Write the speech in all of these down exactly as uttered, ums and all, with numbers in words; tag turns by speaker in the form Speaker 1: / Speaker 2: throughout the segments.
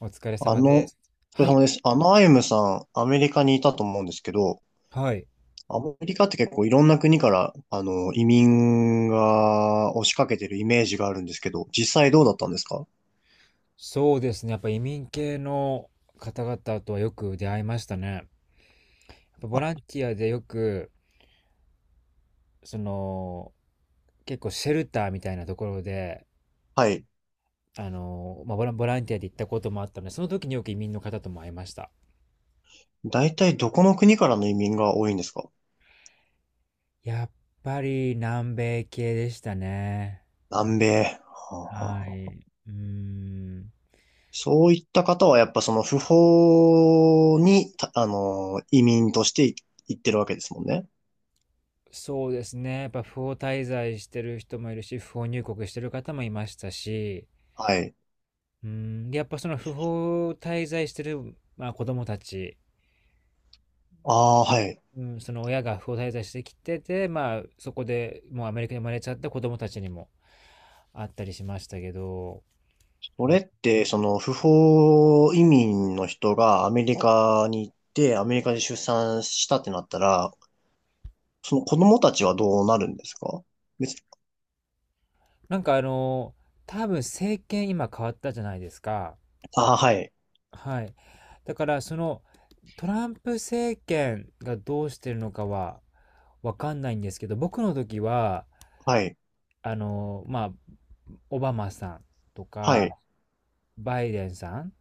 Speaker 1: お疲れ
Speaker 2: あ
Speaker 1: 様で
Speaker 2: の、お
Speaker 1: す。
Speaker 2: 疲れ
Speaker 1: は
Speaker 2: 様
Speaker 1: い。
Speaker 2: です。あのアイムさん、アメリカにいたと思うんですけど、
Speaker 1: はい。
Speaker 2: アメリカって結構いろんな国から、あの、移民が押しかけてるイメージがあるんですけど、実際どうだったんですか？
Speaker 1: そうですね。やっぱ移民系の方々とはよく出会いましたね。やっぱボ
Speaker 2: あ、
Speaker 1: ランティアでよく、その、結構シェルターみたいなところで、
Speaker 2: はい。
Speaker 1: あの、まあ、ボラン、ボランティアで行ったこともあったので、その時によく移民の方とも会いました。
Speaker 2: 大体どこの国からの移民が多いんですか？
Speaker 1: やっぱり南米系でしたね。
Speaker 2: 南米。はあはあ
Speaker 1: は
Speaker 2: はあ。
Speaker 1: い。うーん。
Speaker 2: そういった方はやっぱその不法に、たあの、移民としてい行ってるわけですもんね。
Speaker 1: そうですね。やっぱ不法滞在してる人もいるし、不法入国してる方もいましたし、
Speaker 2: はい。
Speaker 1: うん、で、やっぱその不法滞在してる、まあ、子供たち、
Speaker 2: ああ、はい。
Speaker 1: うん、その親が不法滞在してきてて、まあ、そこでもうアメリカに生まれちゃった子供たちにもあったりしましたけど、
Speaker 2: それって、その不法移民の人がアメリカに行って、アメリカで出産したってなったら、その子供たちはどうなるんですか？別、
Speaker 1: なんかあの、多分政権今変わったじゃないですか。
Speaker 2: あ、はい、
Speaker 1: はい。だからそのトランプ政権がどうしてるのかはわかんないんですけど、僕の時は、
Speaker 2: はい、
Speaker 1: あの、まあ、オバマさんと
Speaker 2: はい、
Speaker 1: か、バイデンさん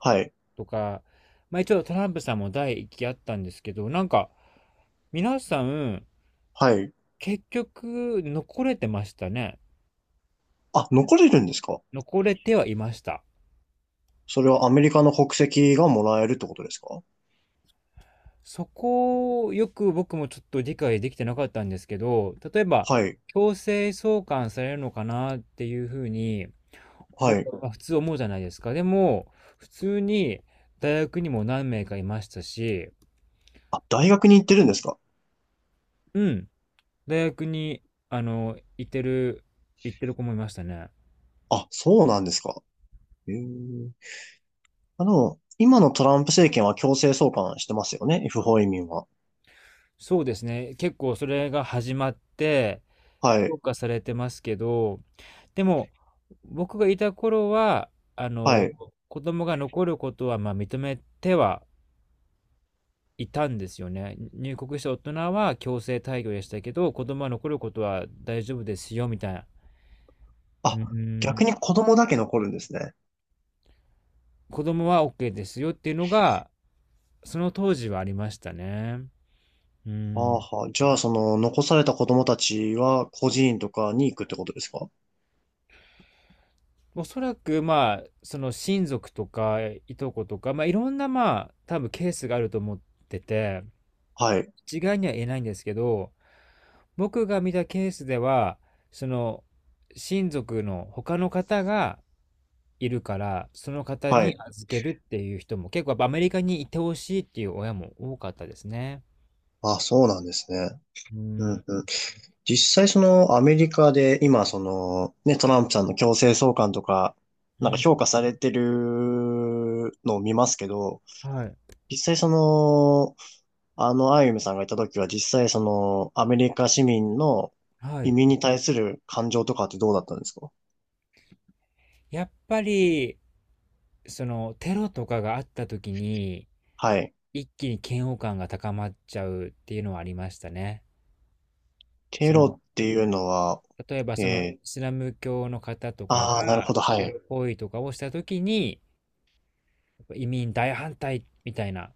Speaker 2: はい、
Speaker 1: とか、まあ一応トランプさんも第一期あったんですけど、なんか、皆さん、
Speaker 2: はい。
Speaker 1: 結局、残れてましたね。
Speaker 2: あ、残れるんですか？
Speaker 1: 残れてはいました。
Speaker 2: それはアメリカの国籍がもらえるってことですか？
Speaker 1: そこをよく僕もちょっと理解できてなかったんですけど、例えば、
Speaker 2: はい、
Speaker 1: 強制送還されるのかなっていうふうに、
Speaker 2: は
Speaker 1: 僕
Speaker 2: い。
Speaker 1: は普通思うじゃないですか。でも、普通に大学にも何名かいましたし、
Speaker 2: あ、大学に行ってるんですか？
Speaker 1: うん、大学に、あの、行ってる、行ってる子もいましたね。
Speaker 2: あ、そうなんですか。へえ。あの、今のトランプ政権は強制送還してますよね、不法移民は。
Speaker 1: そうですね。結構それが始まって、
Speaker 2: は
Speaker 1: 強
Speaker 2: い、
Speaker 1: 化されてますけど、でも、僕がいた頃は、あ
Speaker 2: は
Speaker 1: の、
Speaker 2: い。
Speaker 1: 子供が残ることは、まあ、認めてはいたんですよね。入国した大人は強制退去でしたけど、子供は残ることは大丈夫ですよ、みたいな。う
Speaker 2: あ、逆
Speaker 1: ん、
Speaker 2: に子供だけ残るんですね。
Speaker 1: 子供は オーケー ですよっていうのが、その当時はありましたね。う
Speaker 2: は
Speaker 1: ん。
Speaker 2: あはあ。じゃあ、その、残された子供たちは、孤児院とかに行くってことですか？
Speaker 1: おそらく、まあ、その親族とか、いとことか、まあ、いろんな、まあ、多分ケースがあると思ってて、
Speaker 2: はい。
Speaker 1: 一概には言えないんですけど、僕が見たケースでは、その、親族の他の方がいるから、その方
Speaker 2: は
Speaker 1: に
Speaker 2: い。
Speaker 1: 預けるっていう人も、結構やっぱアメリカにいてほしいっていう親も多かったですね。
Speaker 2: あ、そうなんですね。
Speaker 1: う
Speaker 2: う
Speaker 1: ん。
Speaker 2: んうん。実際、その、アメリカで、今、その、ね、トランプさんの強制送還とか、
Speaker 1: う
Speaker 2: なんか
Speaker 1: ん。
Speaker 2: 評価されてるのを見ますけど、
Speaker 1: はい。
Speaker 2: 実際その、あの、アイユムさんがいた時は、実際その、アメリカ市民の
Speaker 1: は
Speaker 2: 移
Speaker 1: い。
Speaker 2: 民に対する感情とかってどうだったんですか？
Speaker 1: やっぱり、その、テロとかがあった時に、
Speaker 2: はい。
Speaker 1: 一気に嫌悪感が高まっちゃうっていうのはありましたね。そ
Speaker 2: テロ
Speaker 1: の、
Speaker 2: っていうのは、
Speaker 1: 例えばそのイ
Speaker 2: えー、
Speaker 1: スラム教の方とか
Speaker 2: ああ、なるほ
Speaker 1: が
Speaker 2: ど、は
Speaker 1: テ
Speaker 2: い。
Speaker 1: ロ行為とかをした時に、やっぱ移民大反対みたいな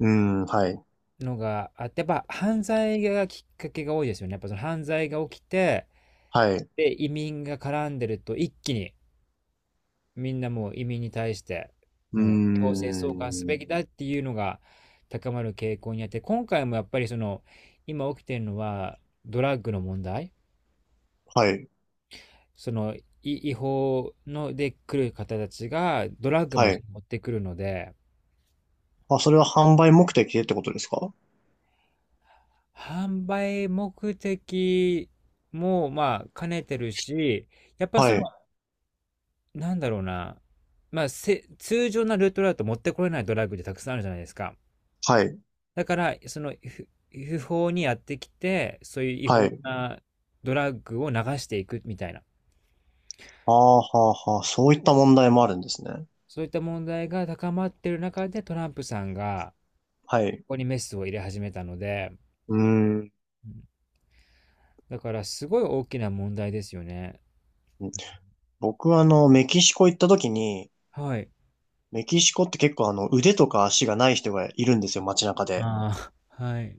Speaker 2: うーん、はい、
Speaker 1: のがあって、やっぱ犯罪がきっかけが多いですよね。やっぱその犯罪が起きて、
Speaker 2: はい。う
Speaker 1: で、移民が絡んでると一気にみんなもう移民に対して、
Speaker 2: ー
Speaker 1: もう強制送還すべ
Speaker 2: ん、
Speaker 1: きだっていうのが高まる傾向にあって、今回もやっぱりその、今起きてるのはドラッグの問題。
Speaker 2: はい、
Speaker 1: その違法ので来る方たちがドラッグも
Speaker 2: はい。
Speaker 1: 持ってくるので、
Speaker 2: あ、それは販売目的でってことですか？
Speaker 1: 販売目的もまあ兼ねてるし、やっぱ
Speaker 2: は
Speaker 1: その、
Speaker 2: い、
Speaker 1: なんだろうな、まあせ通常なルートだと持ってこれないドラッグってたくさんあるじゃないですか。
Speaker 2: はい、
Speaker 1: だから、そのふ不法にやってきて、そういう違
Speaker 2: は
Speaker 1: 法
Speaker 2: い。
Speaker 1: なドラッグを流していくみたいな、
Speaker 2: ああ、はあ、はあ、そういった問題もあるんですね。
Speaker 1: そういった問題が高まってる中でトランプさんが、
Speaker 2: は
Speaker 1: そ
Speaker 2: い。
Speaker 1: こにメスを入れ始めたので、
Speaker 2: うーん。
Speaker 1: うん。だからすごい大きな問題ですよね。
Speaker 2: 僕はあの、メキシコ行った時に、
Speaker 1: はい。
Speaker 2: メキシコって結構あの、腕とか足がない人がいるんですよ、街中で。
Speaker 1: ああ、はい。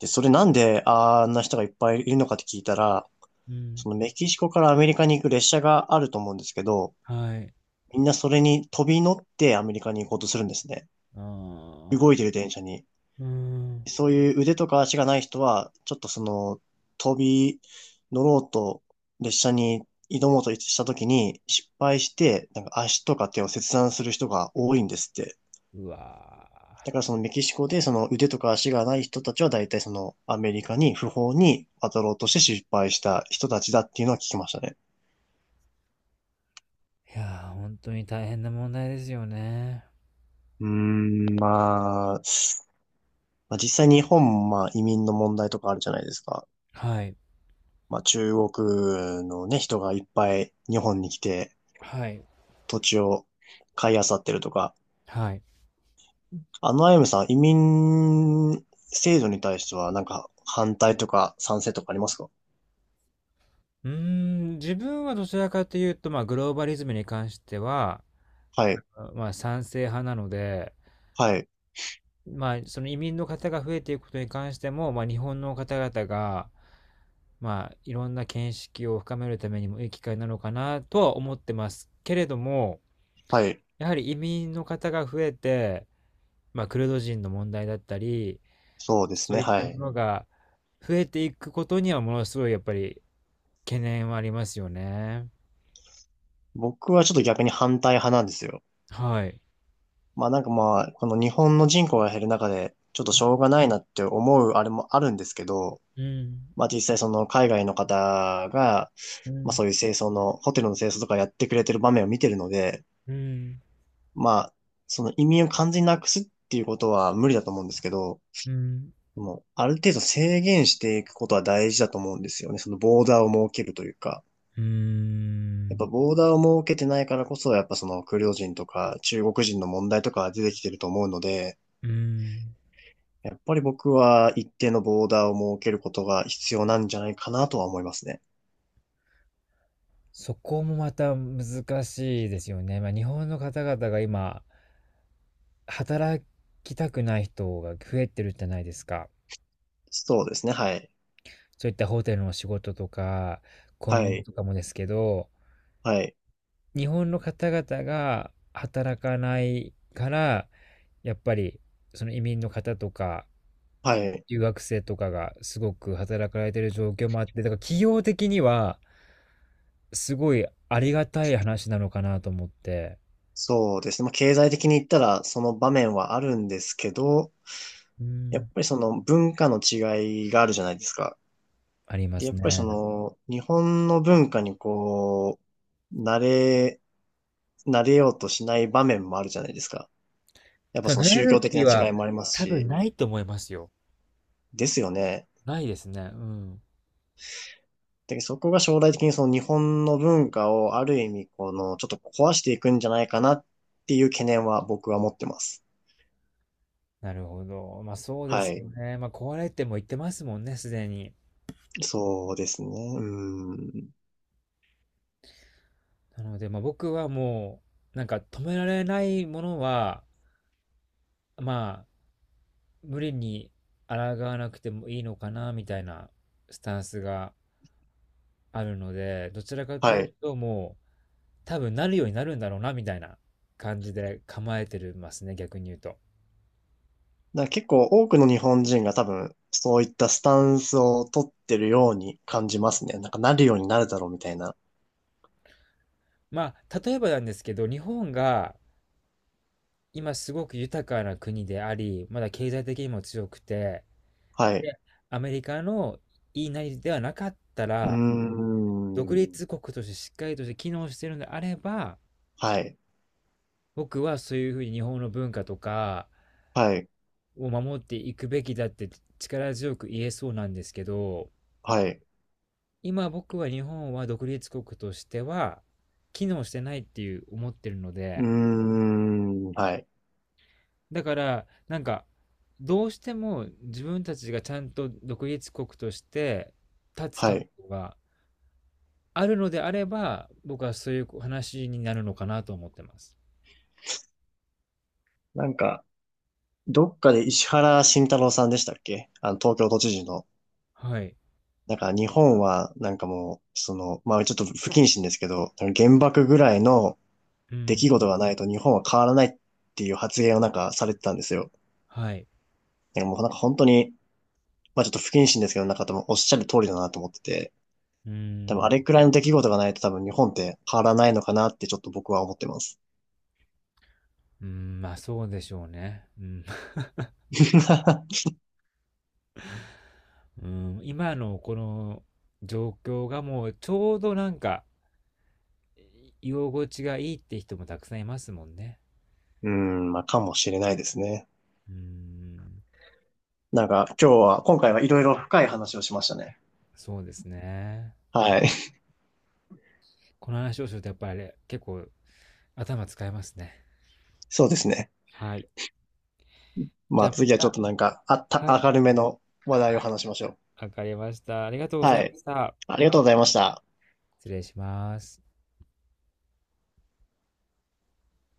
Speaker 2: で、それなんであんな人がいっぱいいるのかって聞いたら、
Speaker 1: う
Speaker 2: そ
Speaker 1: ん。
Speaker 2: のメキシコからアメリカに行く列車があると思うんですけど、
Speaker 1: はい。
Speaker 2: みんなそれに飛び乗ってアメリカに行こうとするんですね。
Speaker 1: ああ、
Speaker 2: 動いてる電車に。
Speaker 1: うーん。
Speaker 2: そういう腕とか足がない人は、ちょっとその、飛び乗ろうと、列車に挑もうとした時に失敗して、なんか足とか手を切断する人が多いんですって。
Speaker 1: うわ
Speaker 2: だからそのメキシコでその腕とか足がない人たちは大体そのアメリカに不法に渡ろうとして失敗した人たちだっていうのは聞きましたね。
Speaker 1: ー。いやー、ほんに大変な問題ですよね。
Speaker 2: うーん、まあ、まあ、実際日本もまあ移民の問題とかあるじゃないですか。
Speaker 1: はい。
Speaker 2: まあ、中国のね、人がいっぱい日本に来て
Speaker 1: はい。
Speaker 2: 土地を買い漁ってるとか、
Speaker 1: はい。
Speaker 2: あのアイムさん、移民制度に対してはなんか反対とか賛成とかありますか？
Speaker 1: うーん、自分はどちらかというと、まあ、グローバリズムに関しては、
Speaker 2: はい、
Speaker 1: あの、まあ、賛成派なので、
Speaker 2: はい、
Speaker 1: まあ、その移民の方が増えていくことに関しても、まあ、日本の方々が、まあ、いろんな見識を深めるためにもいい機会なのかなとは思ってますけれども、
Speaker 2: はい。
Speaker 1: やはり移民の方が増えて、まあ、クルド人の問題だったり、
Speaker 2: そうです
Speaker 1: そ
Speaker 2: ね、
Speaker 1: ういっ
Speaker 2: は
Speaker 1: たも
Speaker 2: い。
Speaker 1: のが増えていくことにはものすごいやっぱり懸念はありますよね。
Speaker 2: 僕はちょっと逆に反対派なんですよ。
Speaker 1: はい。
Speaker 2: まあなんかまあ、この日本の人口が減る中で、ちょっとしょうがないなって思うあれもあるんですけど、
Speaker 1: うん。
Speaker 2: まあ実際その海外の方が、
Speaker 1: う
Speaker 2: まあ
Speaker 1: ん。
Speaker 2: そういう清掃の、ホテルの清掃とかやってくれてる場面を見てるので、
Speaker 1: うん。
Speaker 2: まあ、その移民を完全になくすっていうことは無理だと思うんですけど、
Speaker 1: うん。
Speaker 2: でもうある程度制限していくことは大事だと思うんですよね。そのボーダーを設けるというか。
Speaker 1: うー
Speaker 2: やっ
Speaker 1: ん。
Speaker 2: ぱボーダーを設けてないからこそ、やっぱそのクルド人とか中国人の問題とかが出てきてると思うので、
Speaker 1: うーん。
Speaker 2: やっぱり僕は一定のボーダーを設けることが必要なんじゃないかなとは思いますね。
Speaker 1: そこもまた難しいですよね。まあ、日本の方々が今、働きたくない人が増えてるじゃないですか。
Speaker 2: そうですね。はい。
Speaker 1: そういったホテルの仕事とか、コ
Speaker 2: は
Speaker 1: ンビニ
Speaker 2: い。
Speaker 1: とかもですけど、
Speaker 2: はい。
Speaker 1: 日本の方々が働かないから、やっぱりその移民の方とか、
Speaker 2: はい。
Speaker 1: 留学生とかがすごく働かれてる状況もあって、だから企業的にはすごいありがたい話なのかなと思って、
Speaker 2: そうですね。まあ、経済的に言ったらその場面はあるんですけど、
Speaker 1: う
Speaker 2: やっ
Speaker 1: ん、
Speaker 2: ぱりその文化の違いがあるじゃないですか。
Speaker 1: ありま
Speaker 2: で、や
Speaker 1: す
Speaker 2: っぱりそ
Speaker 1: ね。
Speaker 2: の日本の文化にこう、慣れ、慣れようとしない場面もあるじゃないですか。やっぱ
Speaker 1: た
Speaker 2: その
Speaker 1: だ、慣れ
Speaker 2: 宗教
Speaker 1: る
Speaker 2: 的な
Speaker 1: 気は
Speaker 2: 違いもあります
Speaker 1: 多分
Speaker 2: し、
Speaker 1: ないと思いますよ。
Speaker 2: ですよね。
Speaker 1: ないですね。うん。
Speaker 2: で、そこが将来的にその日本の文化をある意味このちょっと壊していくんじゃないかなっていう懸念は僕は持ってます。
Speaker 1: なるほど。まあそうで
Speaker 2: は
Speaker 1: すよ
Speaker 2: い。
Speaker 1: ね。まあ壊れても言ってますもんね、すでに。
Speaker 2: そうですね。うん。
Speaker 1: なので、まあ僕はもう、なんか止められないものは、まあ無理に抗わなくてもいいのかな、みたいなスタンスがあるので、どちらかとい
Speaker 2: は
Speaker 1: う
Speaker 2: い。
Speaker 1: ともう多分なるようになるんだろうな、みたいな感じで構えてますね、逆に言うと。
Speaker 2: だから結構多くの日本人が多分そういったスタンスを取ってるように感じますね。なんかなるようになるだろうみたいな。
Speaker 1: まあ例えばなんですけど、日本が今すごく豊かな国であり、まだ経済的にも強くて、
Speaker 2: はい。
Speaker 1: で、アメリカの言いなりではなかった
Speaker 2: うー
Speaker 1: ら、独
Speaker 2: ん。
Speaker 1: 立国としてしっかりとして機能してるのであれば、
Speaker 2: はい。
Speaker 1: 僕はそういうふうに日本の文化とか
Speaker 2: はい。
Speaker 1: を守っていくべきだって力強く言えそうなんですけど、
Speaker 2: はい。
Speaker 1: 今僕は日本は独立国としては機能してないっていう思ってるの
Speaker 2: うー
Speaker 1: で、
Speaker 2: ん。はい。
Speaker 1: だからなんかどうしても自分たちがちゃんと独立国として立つ
Speaker 2: は
Speaker 1: 覚
Speaker 2: い。
Speaker 1: 悟があるのであれば僕はそういう話になるのかなと思ってます。
Speaker 2: なんか、どっかで石原慎太郎さんでしたっけ、あの、東京都知事の。
Speaker 1: はい。
Speaker 2: なんか日本は、なんかもう、その、まあちょっと不謹慎ですけど、原爆ぐらいの
Speaker 1: う
Speaker 2: 出
Speaker 1: ん。
Speaker 2: 来事がないと日本は変わらないっていう発言をなんかされてたんですよ。
Speaker 1: はい。
Speaker 2: なんかもうなんか本当に、まあちょっと不謹慎ですけど、なんか多分おっしゃる通りだなと思ってて、
Speaker 1: うー
Speaker 2: 多分あ
Speaker 1: ん。
Speaker 2: れくらいの出来事がないと多分日本って変わらないのかなってちょっと僕は思ってます。
Speaker 1: うん、まあそうでしょうね。うん。うん、今のこの状況がもうちょうどなんか居心地がいいって人もたくさんいますもんね。
Speaker 2: うん、まあかもしれないですね。
Speaker 1: うーん。
Speaker 2: なんか今日は、今回はいろいろ深い話をしましたね。
Speaker 1: そうですね。
Speaker 2: はい。
Speaker 1: この話をするとやっぱりあれ結構頭使えますね。
Speaker 2: そうですね。
Speaker 1: はい。
Speaker 2: ま
Speaker 1: じゃ
Speaker 2: あ
Speaker 1: あま
Speaker 2: 次はちょっ
Speaker 1: た。
Speaker 2: となんかあった、
Speaker 1: はい。
Speaker 2: 明るめの話
Speaker 1: は
Speaker 2: 題を
Speaker 1: い。
Speaker 2: 話しましょう。
Speaker 1: わかりました。ありがとうござ
Speaker 2: は
Speaker 1: いま
Speaker 2: い。
Speaker 1: した。
Speaker 2: ありがとうございました。
Speaker 1: 失礼します。